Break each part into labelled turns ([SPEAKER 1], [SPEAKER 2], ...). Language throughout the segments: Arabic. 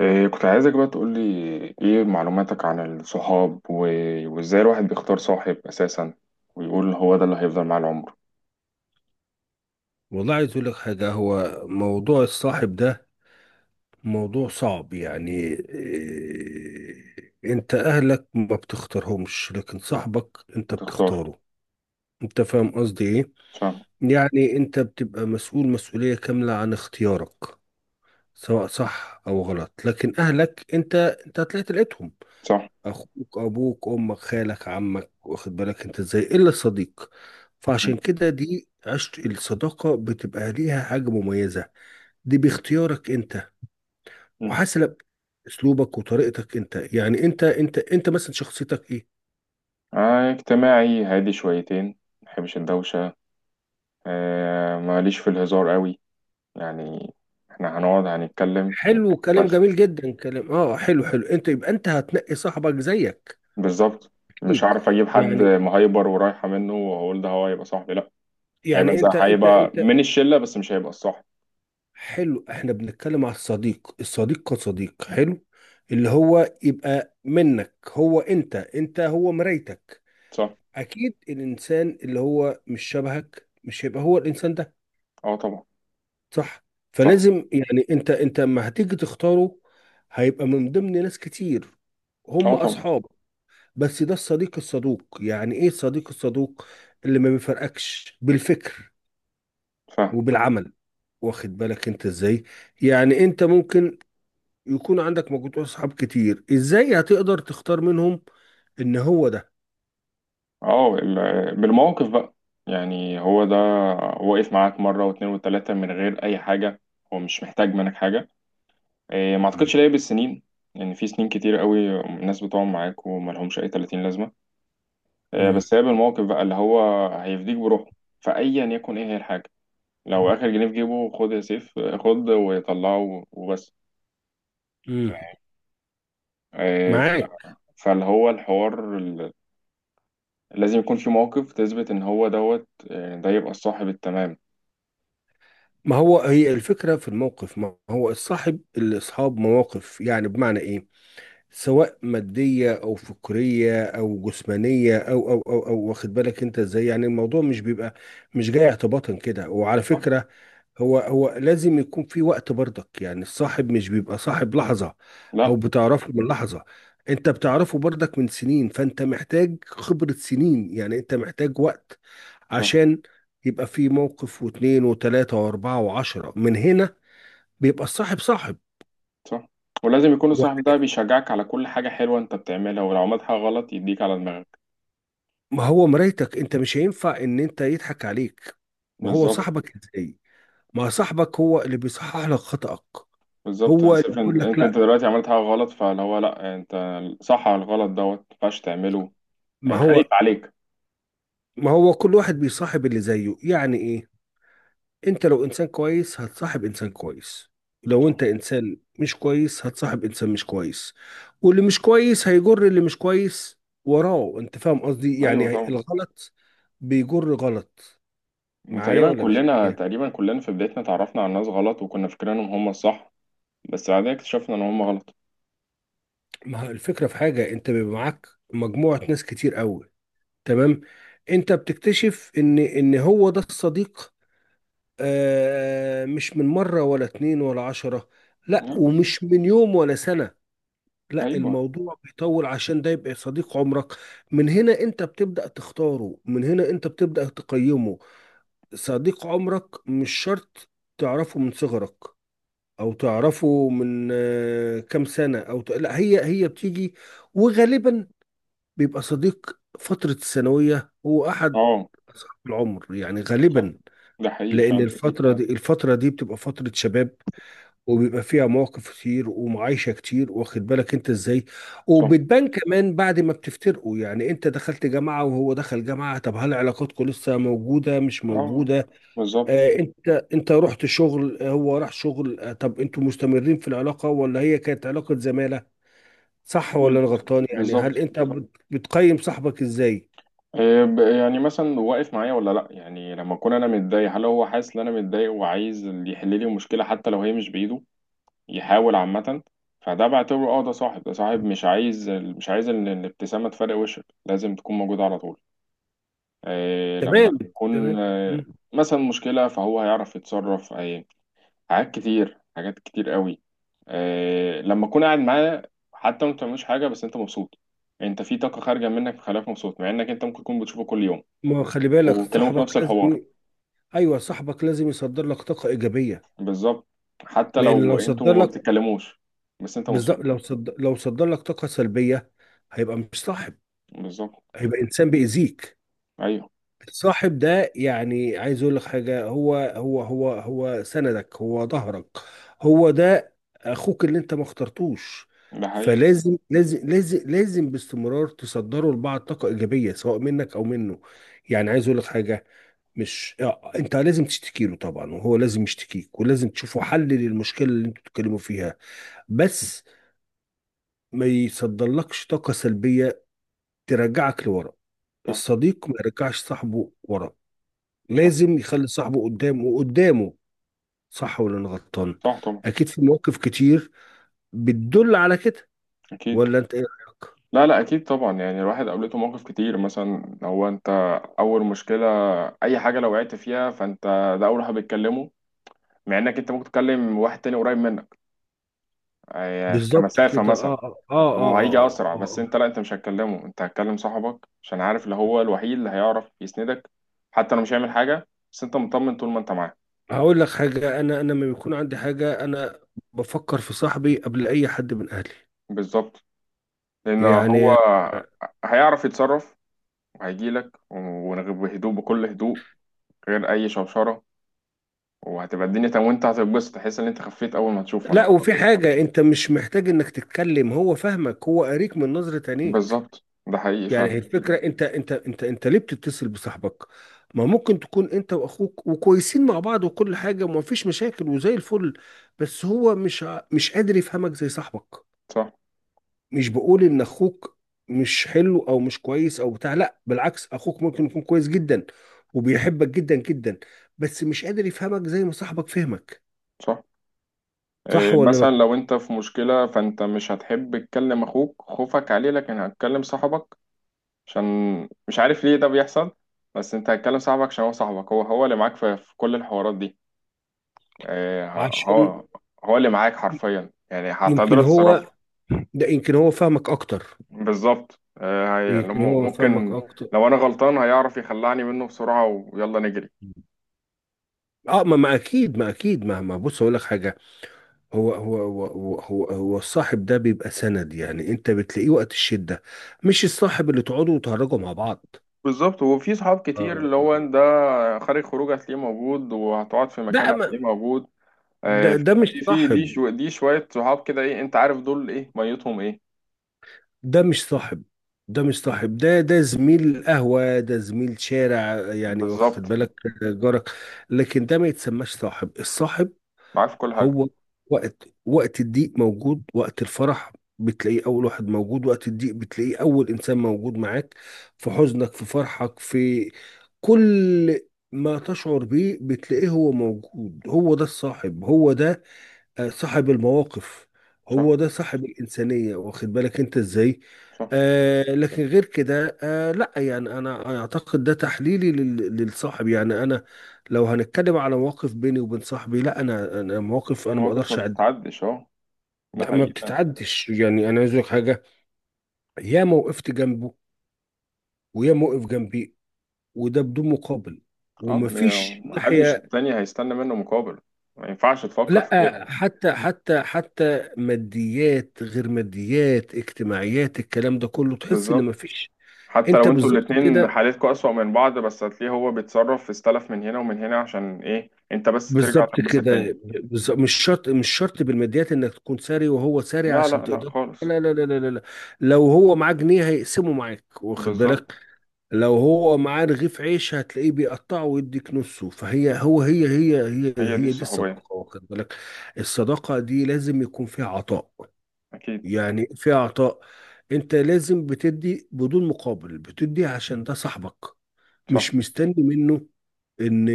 [SPEAKER 1] إيه، كنت عايزك بقى تقولي ايه معلوماتك عن الصحاب وازاي الواحد بيختار صاحب اساسا، ويقول هو ده اللي هيفضل معاه العمر.
[SPEAKER 2] والله عايز اقول لك حاجة. هو موضوع الصاحب ده موضوع صعب. يعني إيه؟ انت اهلك ما بتختارهمش، لكن صاحبك انت
[SPEAKER 1] وتختار.
[SPEAKER 2] بتختاره. انت فاهم قصدي ايه؟
[SPEAKER 1] فاهم.
[SPEAKER 2] يعني انت بتبقى مسؤول مسؤولية كاملة عن اختيارك، سواء صح او غلط. لكن اهلك انت، انت تلقيتهم:
[SPEAKER 1] صح.
[SPEAKER 2] اخوك، ابوك، امك، خالك، عمك، واخد بالك انت ازاي؟ الا الصديق.
[SPEAKER 1] مم.
[SPEAKER 2] فعشان كده دي عشت الصداقة بتبقى ليها حاجة مميزة. دي باختيارك انت
[SPEAKER 1] مم.
[SPEAKER 2] وحسب اسلوبك وطريقتك انت. يعني انت مثلا شخصيتك ايه؟
[SPEAKER 1] آه، اجتماعي هادي شويتين. ما بحبش الدوشة. آه، ماليش في الهزار قوي. يعني احنا هنقعد هنتكلم.
[SPEAKER 2] حلو، كلام
[SPEAKER 1] بس.
[SPEAKER 2] جميل جدا، كلام اه حلو حلو. انت يبقى انت هتنقي صاحبك زيك
[SPEAKER 1] بالظبط. مش
[SPEAKER 2] اكيد.
[SPEAKER 1] هعرف اجيب حد
[SPEAKER 2] يعني
[SPEAKER 1] مهايبر ورايحة منه واقول ده هو هيبقى صاحبي، لا.
[SPEAKER 2] يعني انت انت
[SPEAKER 1] هيبقى
[SPEAKER 2] انت
[SPEAKER 1] من الشلة، بس مش هيبقى الصاحب.
[SPEAKER 2] حلو، احنا بنتكلم على الصديق. الصديق كصديق حلو اللي هو يبقى منك، هو انت، انت هو مرايتك.
[SPEAKER 1] صح.
[SPEAKER 2] اكيد الانسان اللي هو مش شبهك مش هيبقى هو الانسان ده.
[SPEAKER 1] اه طبعا.
[SPEAKER 2] صح؟
[SPEAKER 1] صح.
[SPEAKER 2] فلازم، يعني انت لما هتيجي تختاره، هيبقى من ضمن ناس كتير هم
[SPEAKER 1] اه طبعا.
[SPEAKER 2] اصحاب، بس ده الصديق الصدوق. يعني ايه الصديق الصدوق؟ اللي ما بيفرقكش بالفكر
[SPEAKER 1] فاهم.
[SPEAKER 2] وبالعمل، واخد بالك انت ازاي؟ يعني انت ممكن يكون عندك مجموعة اصحاب كتير، ازاي هتقدر تختار منهم ان هو ده؟
[SPEAKER 1] اه بالموقف بقى. يعني هو ده، واقف معاك مرة واتنين وتلاتة من غير أي حاجة. هو مش محتاج منك حاجة. إيه، ما
[SPEAKER 2] مم.
[SPEAKER 1] أعتقدش، ليه بالسنين. يعني في سنين كتير قوي الناس بتقعد معاك وملهمش أي 30 لازمة. إيه،
[SPEAKER 2] مم.
[SPEAKER 1] بس هي بالموقف بقى، اللي هو هيفديك بروحه. فأيا يكن إيه هي الحاجة. لو آخر جنيه في جيبه خد يا سيف، خد وطلعه وبس.
[SPEAKER 2] مم.
[SPEAKER 1] آه، ف-
[SPEAKER 2] معاك.
[SPEAKER 1] فاللي هو الحوار لازم يكون في موقف تثبت ان هو دوت، ده يبقى الصاحب التمام.
[SPEAKER 2] ما هو هي الفكرة في الموقف. ما هو الصاحب اللي اصحاب مواقف. يعني بمعنى ايه؟ سواء مادية أو فكرية أو جسمانية أو أو واخد بالك أنت إزاي؟ يعني الموضوع مش بيبقى مش جاي اعتباطا كده. وعلى فكرة، هو لازم يكون في وقت برضك. يعني الصاحب مش بيبقى صاحب لحظة أو
[SPEAKER 1] لا.
[SPEAKER 2] بتعرفه من لحظة، أنت بتعرفه برضك من سنين. فأنت محتاج خبرة سنين، يعني أنت محتاج وقت
[SPEAKER 1] صح.
[SPEAKER 2] عشان يبقى في موقف واثنين وثلاثة وأربعة وعشرة. من هنا بيبقى الصاحب صاحب.
[SPEAKER 1] صح. ولازم يكون الصاحب ده بيشجعك على كل حاجة حلوة انت بتعملها، ولو عملت حاجة غلط يديك على دماغك.
[SPEAKER 2] ما هو مرايتك انت، مش هينفع ان انت يضحك عليك. ما هو
[SPEAKER 1] بالظبط.
[SPEAKER 2] صاحبك ازاي؟ ما صاحبك هو اللي بيصحح لك خطأك،
[SPEAKER 1] بالظبط يا
[SPEAKER 2] هو اللي
[SPEAKER 1] سيف، انت
[SPEAKER 2] بيقول لك
[SPEAKER 1] انت
[SPEAKER 2] لا.
[SPEAKER 1] دلوقتي عملت حاجة غلط، فاللي هو لا انت. صح، على الغلط دوت ما ينفعش تعمله.
[SPEAKER 2] ما
[SPEAKER 1] يعني
[SPEAKER 2] هو
[SPEAKER 1] خايف عليك.
[SPEAKER 2] ما هو كل واحد بيصاحب اللي زيه. يعني ايه؟ انت لو انسان كويس هتصاحب انسان كويس، لو
[SPEAKER 1] صح.
[SPEAKER 2] انت انسان مش كويس هتصاحب انسان مش كويس. واللي مش كويس هيجر اللي مش كويس وراه. انت فاهم قصدي؟
[SPEAKER 1] ايوه
[SPEAKER 2] يعني
[SPEAKER 1] طبعا.
[SPEAKER 2] الغلط بيجر غلط. معايا
[SPEAKER 1] وتقريبا
[SPEAKER 2] ولا مش
[SPEAKER 1] كلنا
[SPEAKER 2] معايا؟
[SPEAKER 1] تقريبا كلنا في بدايتنا اتعرفنا على ناس غلط وكنا فاكرينهم هم الصح. بس بعدين اكتشفنا ان هم غلط.
[SPEAKER 2] ما هو الفكرة في حاجة، انت بيبقى معاك مجموعة ناس كتير قوي، تمام؟ انت بتكتشف ان هو ده الصديق. آه مش من مرة ولا اتنين ولا عشرة، لا، ومش من يوم ولا سنة، لا،
[SPEAKER 1] ايوه.
[SPEAKER 2] الموضوع بيطول عشان ده يبقى صديق عمرك. من هنا انت بتبدأ تختاره، من هنا انت بتبدأ تقيمه. صديق عمرك مش شرط تعرفه من صغرك او تعرفه من آه كام سنة او لا، هي هي بتيجي. وغالبا بيبقى صديق فترة الثانوية هو أحد
[SPEAKER 1] اه.
[SPEAKER 2] أصحاب العمر يعني
[SPEAKER 1] صح.
[SPEAKER 2] غالبا.
[SPEAKER 1] ده حقيقي
[SPEAKER 2] لأن
[SPEAKER 1] فعلا.
[SPEAKER 2] الفترة دي الفترة دي بتبقى فترة شباب، وبيبقى فيها مواقف كتير ومعايشة كتير، واخد بالك أنت إزاي؟
[SPEAKER 1] صح.
[SPEAKER 2] وبتبان كمان بعد ما بتفترقوا. يعني أنت دخلت جامعة وهو دخل جامعة، طب هل علاقاتكم لسه موجودة مش
[SPEAKER 1] اه.
[SPEAKER 2] موجودة؟
[SPEAKER 1] بالظبط.
[SPEAKER 2] آه أنت رحت شغل، هو راح شغل، آه طب أنتوا مستمرين في العلاقة ولا هي كانت علاقة زمالة؟ صح ولا أنا
[SPEAKER 1] بالظبط.
[SPEAKER 2] غلطان؟ يعني هل
[SPEAKER 1] بالظبط.
[SPEAKER 2] أنت بتقيم صاحبك إزاي؟
[SPEAKER 1] إيه يعني مثلا واقف معايا ولا لا؟ يعني لما اكون انا متضايق، هل هو حاسس ان انا متضايق وعايز اللي يحل لي المشكله حتى لو هي مش بايده يحاول عامه. فده بعتبره، اه ده صاحب، ده صاحب مش عايز، مش عايز ان الابتسامه تفرق وشك، لازم تكون موجوده على طول. إيه، لما
[SPEAKER 2] تمام.
[SPEAKER 1] تكون
[SPEAKER 2] تمام. مم.
[SPEAKER 1] مثلا مشكله، فهو هيعرف يتصرف إيه. حاجات كتير، حاجات كتير قوي. إيه، لما اكون قاعد معاه، حتى ما بتعملوش حاجه بس انت مبسوط. انت في طاقه خارجه منك مخليك مبسوط، مع انك انت ممكن تكون بتشوفه كل يوم
[SPEAKER 2] ما خلي بالك
[SPEAKER 1] وبيتكلموا في
[SPEAKER 2] صاحبك
[SPEAKER 1] نفس الحوار.
[SPEAKER 2] لازم، ايوه صاحبك لازم يصدر لك طاقه ايجابيه.
[SPEAKER 1] بالظبط. حتى
[SPEAKER 2] لان
[SPEAKER 1] لو
[SPEAKER 2] لو صدر
[SPEAKER 1] انتوا ما
[SPEAKER 2] لك
[SPEAKER 1] بتتكلموش بس انت
[SPEAKER 2] بالظبط،
[SPEAKER 1] مبسوط.
[SPEAKER 2] لو صدر لك طاقه سلبيه هيبقى مش صاحب،
[SPEAKER 1] بالظبط.
[SPEAKER 2] هيبقى انسان بيأذيك.
[SPEAKER 1] ايوه.
[SPEAKER 2] الصاحب ده يعني عايز اقول لك حاجه، هو سندك، هو ظهرك، هو ده اخوك اللي انت ما اخترتوش.
[SPEAKER 1] ده حقيقي.
[SPEAKER 2] فلازم لازم باستمرار تصدروا لبعض طاقه ايجابيه سواء منك او منه. يعني عايز اقول لك حاجه، مش انت لازم تشتكي له طبعا، وهو لازم يشتكيك، ولازم تشوفوا حل للمشكله اللي انتوا بتتكلموا فيها. بس ما يصدرلكش طاقه سلبيه ترجعك لورا.
[SPEAKER 1] صح.
[SPEAKER 2] الصديق ما يرجعش صاحبه ورا،
[SPEAKER 1] صح.
[SPEAKER 2] لازم يخلي صاحبه قدامه وقدامه. صح ولا انا غلطان؟
[SPEAKER 1] صح طبعا.
[SPEAKER 2] اكيد في مواقف كتير بتدل على كده.
[SPEAKER 1] اكيد.
[SPEAKER 2] ولا انت ايه رايك؟
[SPEAKER 1] لا لا، اكيد طبعا. يعني الواحد قابلته مواقف كتير، مثلا لو انت اول مشكله، اي حاجه لو وقعت فيها فانت ده اول واحد بيتكلمه، مع انك انت ممكن تكلم واحد تاني قريب منك،
[SPEAKER 2] بالظبط
[SPEAKER 1] كمسافه
[SPEAKER 2] كده،
[SPEAKER 1] مثلا، وهو هيجي اسرع،
[SPEAKER 2] اه,
[SPEAKER 1] بس
[SPEAKER 2] آه.
[SPEAKER 1] انت لا، انت مش هتكلمه، انت هتكلم صاحبك عشان عارف اللي هو الوحيد اللي هيعرف يسندك. حتى لو مش هيعمل حاجه بس انت مطمن طول ما انت معاه.
[SPEAKER 2] هقول لك حاجه، انا لما بيكون عندي حاجه، انا بفكر في صاحبي قبل اي حد من اهلي.
[SPEAKER 1] بالظبط. لان هو
[SPEAKER 2] يعني
[SPEAKER 1] هيعرف يتصرف، وهيجيلك بهدوء، بكل هدوء، غير اي شوشره، وهتبقى الدنيا تمام، وانت هتتبسط، تحس ان انت خفيت اول ما تشوفه. انا
[SPEAKER 2] لا، وفي
[SPEAKER 1] خلاص.
[SPEAKER 2] حاجة انت مش محتاج انك تتكلم، هو فاهمك، هو قاريك من نظرة عينيك.
[SPEAKER 1] بالظبط، ده حقيقي
[SPEAKER 2] يعني
[SPEAKER 1] فعلا.
[SPEAKER 2] هي الفكرة. انت ليه بتتصل بصاحبك؟ ما ممكن تكون انت واخوك وكويسين مع بعض وكل حاجة وما فيش مشاكل وزي الفل، بس هو مش قادر يفهمك زي صاحبك.
[SPEAKER 1] صح.
[SPEAKER 2] مش بقول ان اخوك مش حلو او مش كويس او بتاع، لا بالعكس، اخوك ممكن يكون كويس جدا وبيحبك جدا جدا، بس مش قادر يفهمك زي ما صاحبك فهمك.
[SPEAKER 1] صح.
[SPEAKER 2] صح
[SPEAKER 1] إيه،
[SPEAKER 2] ولا لا؟
[SPEAKER 1] مثلا لو انت في مشكله، فانت مش هتحب تكلم اخوك خوفك عليه، لكن هتكلم صاحبك. عشان مش عارف ليه ده بيحصل، بس انت هتكلم صاحبك عشان هو صاحبك، هو اللي معاك في كل الحوارات دي. إيه،
[SPEAKER 2] عشان
[SPEAKER 1] هو هو اللي معاك حرفيا، يعني هتقدر
[SPEAKER 2] يمكن
[SPEAKER 1] تتصرف.
[SPEAKER 2] هو، ده يمكن هو فاهمك اكتر،
[SPEAKER 1] بالظبط،
[SPEAKER 2] يمكن هو فاهمك
[SPEAKER 1] ممكن
[SPEAKER 2] اكتر.
[SPEAKER 1] لو انا غلطان هيعرف يخلعني منه بسرعة، ويلا نجري.
[SPEAKER 2] اه ما اكيد، ما اكيد، ما بص اقول لك حاجه، هو الصاحب ده بيبقى سند. يعني انت بتلاقيه وقت الشده، مش الصاحب اللي تقعدوا وتهرجوا مع بعض.
[SPEAKER 1] بالظبط. وفي صحاب كتير اللي هو
[SPEAKER 2] آه
[SPEAKER 1] ده، خارج خروج هتلاقيه موجود، وهتقعد في مكان
[SPEAKER 2] لا، ما
[SPEAKER 1] هتلاقيه موجود.
[SPEAKER 2] ده
[SPEAKER 1] آه، في
[SPEAKER 2] ده مش
[SPEAKER 1] في
[SPEAKER 2] صاحب،
[SPEAKER 1] دي شوية صحاب كده، ايه انت عارف دول ايه؟ ميتهم ايه؟
[SPEAKER 2] ده مش صاحب ده زميل قهوه، ده زميل شارع يعني، واخد
[SPEAKER 1] بالظبط.
[SPEAKER 2] بالك؟ جارك. لكن ده ما يتسماش صاحب. الصاحب
[SPEAKER 1] معاك في كل حاجة.
[SPEAKER 2] هو وقت الضيق موجود، وقت الفرح بتلاقيه أول واحد موجود، وقت الضيق بتلاقيه أول إنسان موجود معاك، في حزنك، في فرحك، في كل ما تشعر بيه بتلاقيه هو موجود. هو ده الصاحب، هو ده صاحب المواقف،
[SPEAKER 1] صح.
[SPEAKER 2] هو ده صاحب الإنسانية، واخد بالك انت ازاي؟
[SPEAKER 1] صح.
[SPEAKER 2] آه لكن غير كده، آه لا، يعني انا اعتقد ده تحليلي للصاحب. يعني انا لو هنتكلم على مواقف بيني وبين صاحبي، لا، انا مواقف انا ما
[SPEAKER 1] مواقف ما
[SPEAKER 2] اقدرش اعدها.
[SPEAKER 1] بتتعدش، اه. ده
[SPEAKER 2] لا ما
[SPEAKER 1] حقيقي فعلا.
[SPEAKER 2] بتتعدش. يعني انا عايز أقول لك حاجه، يا ما وقفت جنبه ويا ما وقف جنبي، وده بدون مقابل،
[SPEAKER 1] اه،
[SPEAKER 2] ومفيش
[SPEAKER 1] محدش
[SPEAKER 2] ناحيه،
[SPEAKER 1] تاني هيستنى منه مقابل، ما ينفعش تفكر في كده.
[SPEAKER 2] لا، حتى ماديات، غير ماديات، اجتماعيات، الكلام ده كله تحس ان
[SPEAKER 1] بالظبط.
[SPEAKER 2] مفيش.
[SPEAKER 1] حتى
[SPEAKER 2] انت
[SPEAKER 1] لو انتوا
[SPEAKER 2] بالظبط
[SPEAKER 1] الاتنين
[SPEAKER 2] كده،
[SPEAKER 1] حالتكوا أسوأ من بعض، بس هتلاقيه هو بيتصرف، في استلف من هنا ومن هنا، عشان ايه؟ انت بس ترجع
[SPEAKER 2] بالظبط
[SPEAKER 1] تنبسط تاني.
[SPEAKER 2] كده، بالظبط. مش شرط مش شرط بالماديات انك تكون ساري وهو ساري
[SPEAKER 1] لا
[SPEAKER 2] عشان
[SPEAKER 1] لا لا
[SPEAKER 2] تقدر.
[SPEAKER 1] خالص.
[SPEAKER 2] لا لا لا لا لا لا. لو هو معاه جنيه هيقسمه معاك، واخد
[SPEAKER 1] بالظبط.
[SPEAKER 2] بالك؟ لو هو معاه رغيف عيش هتلاقيه بيقطعه ويديك نصه. فهي هو هي هي هي
[SPEAKER 1] هي دي
[SPEAKER 2] هي دي
[SPEAKER 1] الصحوبية.
[SPEAKER 2] الصداقة، واخد بالك؟ الصداقة دي لازم يكون فيها عطاء،
[SPEAKER 1] أكيد.
[SPEAKER 2] يعني في اعطاء. انت لازم بتدي بدون مقابل، بتدي عشان ده صاحبك،
[SPEAKER 1] صح.
[SPEAKER 2] مش مستني منه ان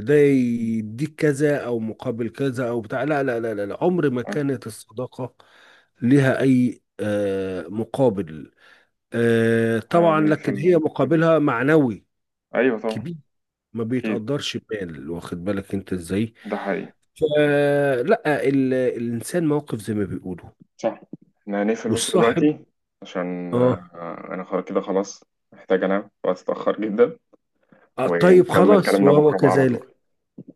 [SPEAKER 2] ده يديك كذا او مقابل كذا او بتاع. لا لا لا لا لا. عمر ما كانت الصداقة لها اي مقابل. آه، طبعا
[SPEAKER 1] يعني
[SPEAKER 2] لكن هي مقابلها معنوي
[SPEAKER 1] أيوة طبعا.
[SPEAKER 2] كبير، ما
[SPEAKER 1] أكيد.
[SPEAKER 2] بيتقدرش بمال، واخد بالك انت ازاي؟
[SPEAKER 1] ده حقيقي.
[SPEAKER 2] فلا، الانسان موقف زي ما بيقولوا.
[SPEAKER 1] صح. احنا هنقفل بس
[SPEAKER 2] والصاحب
[SPEAKER 1] دلوقتي، عشان
[SPEAKER 2] اه،
[SPEAKER 1] أنا خلاص كده، خلاص محتاج أنام، وقت اتأخر جدا.
[SPEAKER 2] طيب
[SPEAKER 1] ونكمل
[SPEAKER 2] خلاص
[SPEAKER 1] كلامنا
[SPEAKER 2] وهو
[SPEAKER 1] بكرة بقى على
[SPEAKER 2] كذلك.
[SPEAKER 1] طول.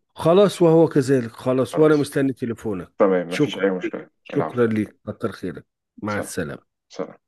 [SPEAKER 2] خلاص
[SPEAKER 1] ماشي.
[SPEAKER 2] وهو كذلك، خلاص وأنا
[SPEAKER 1] خلاص.
[SPEAKER 2] مستني تليفونك.
[SPEAKER 1] تمام، مفيش
[SPEAKER 2] شكرا
[SPEAKER 1] أي
[SPEAKER 2] ليك،
[SPEAKER 1] مشكلة.
[SPEAKER 2] شكرا
[SPEAKER 1] العفو.
[SPEAKER 2] ليك، كتر خيرك. مع
[SPEAKER 1] سلام.
[SPEAKER 2] السلامة.
[SPEAKER 1] سلام.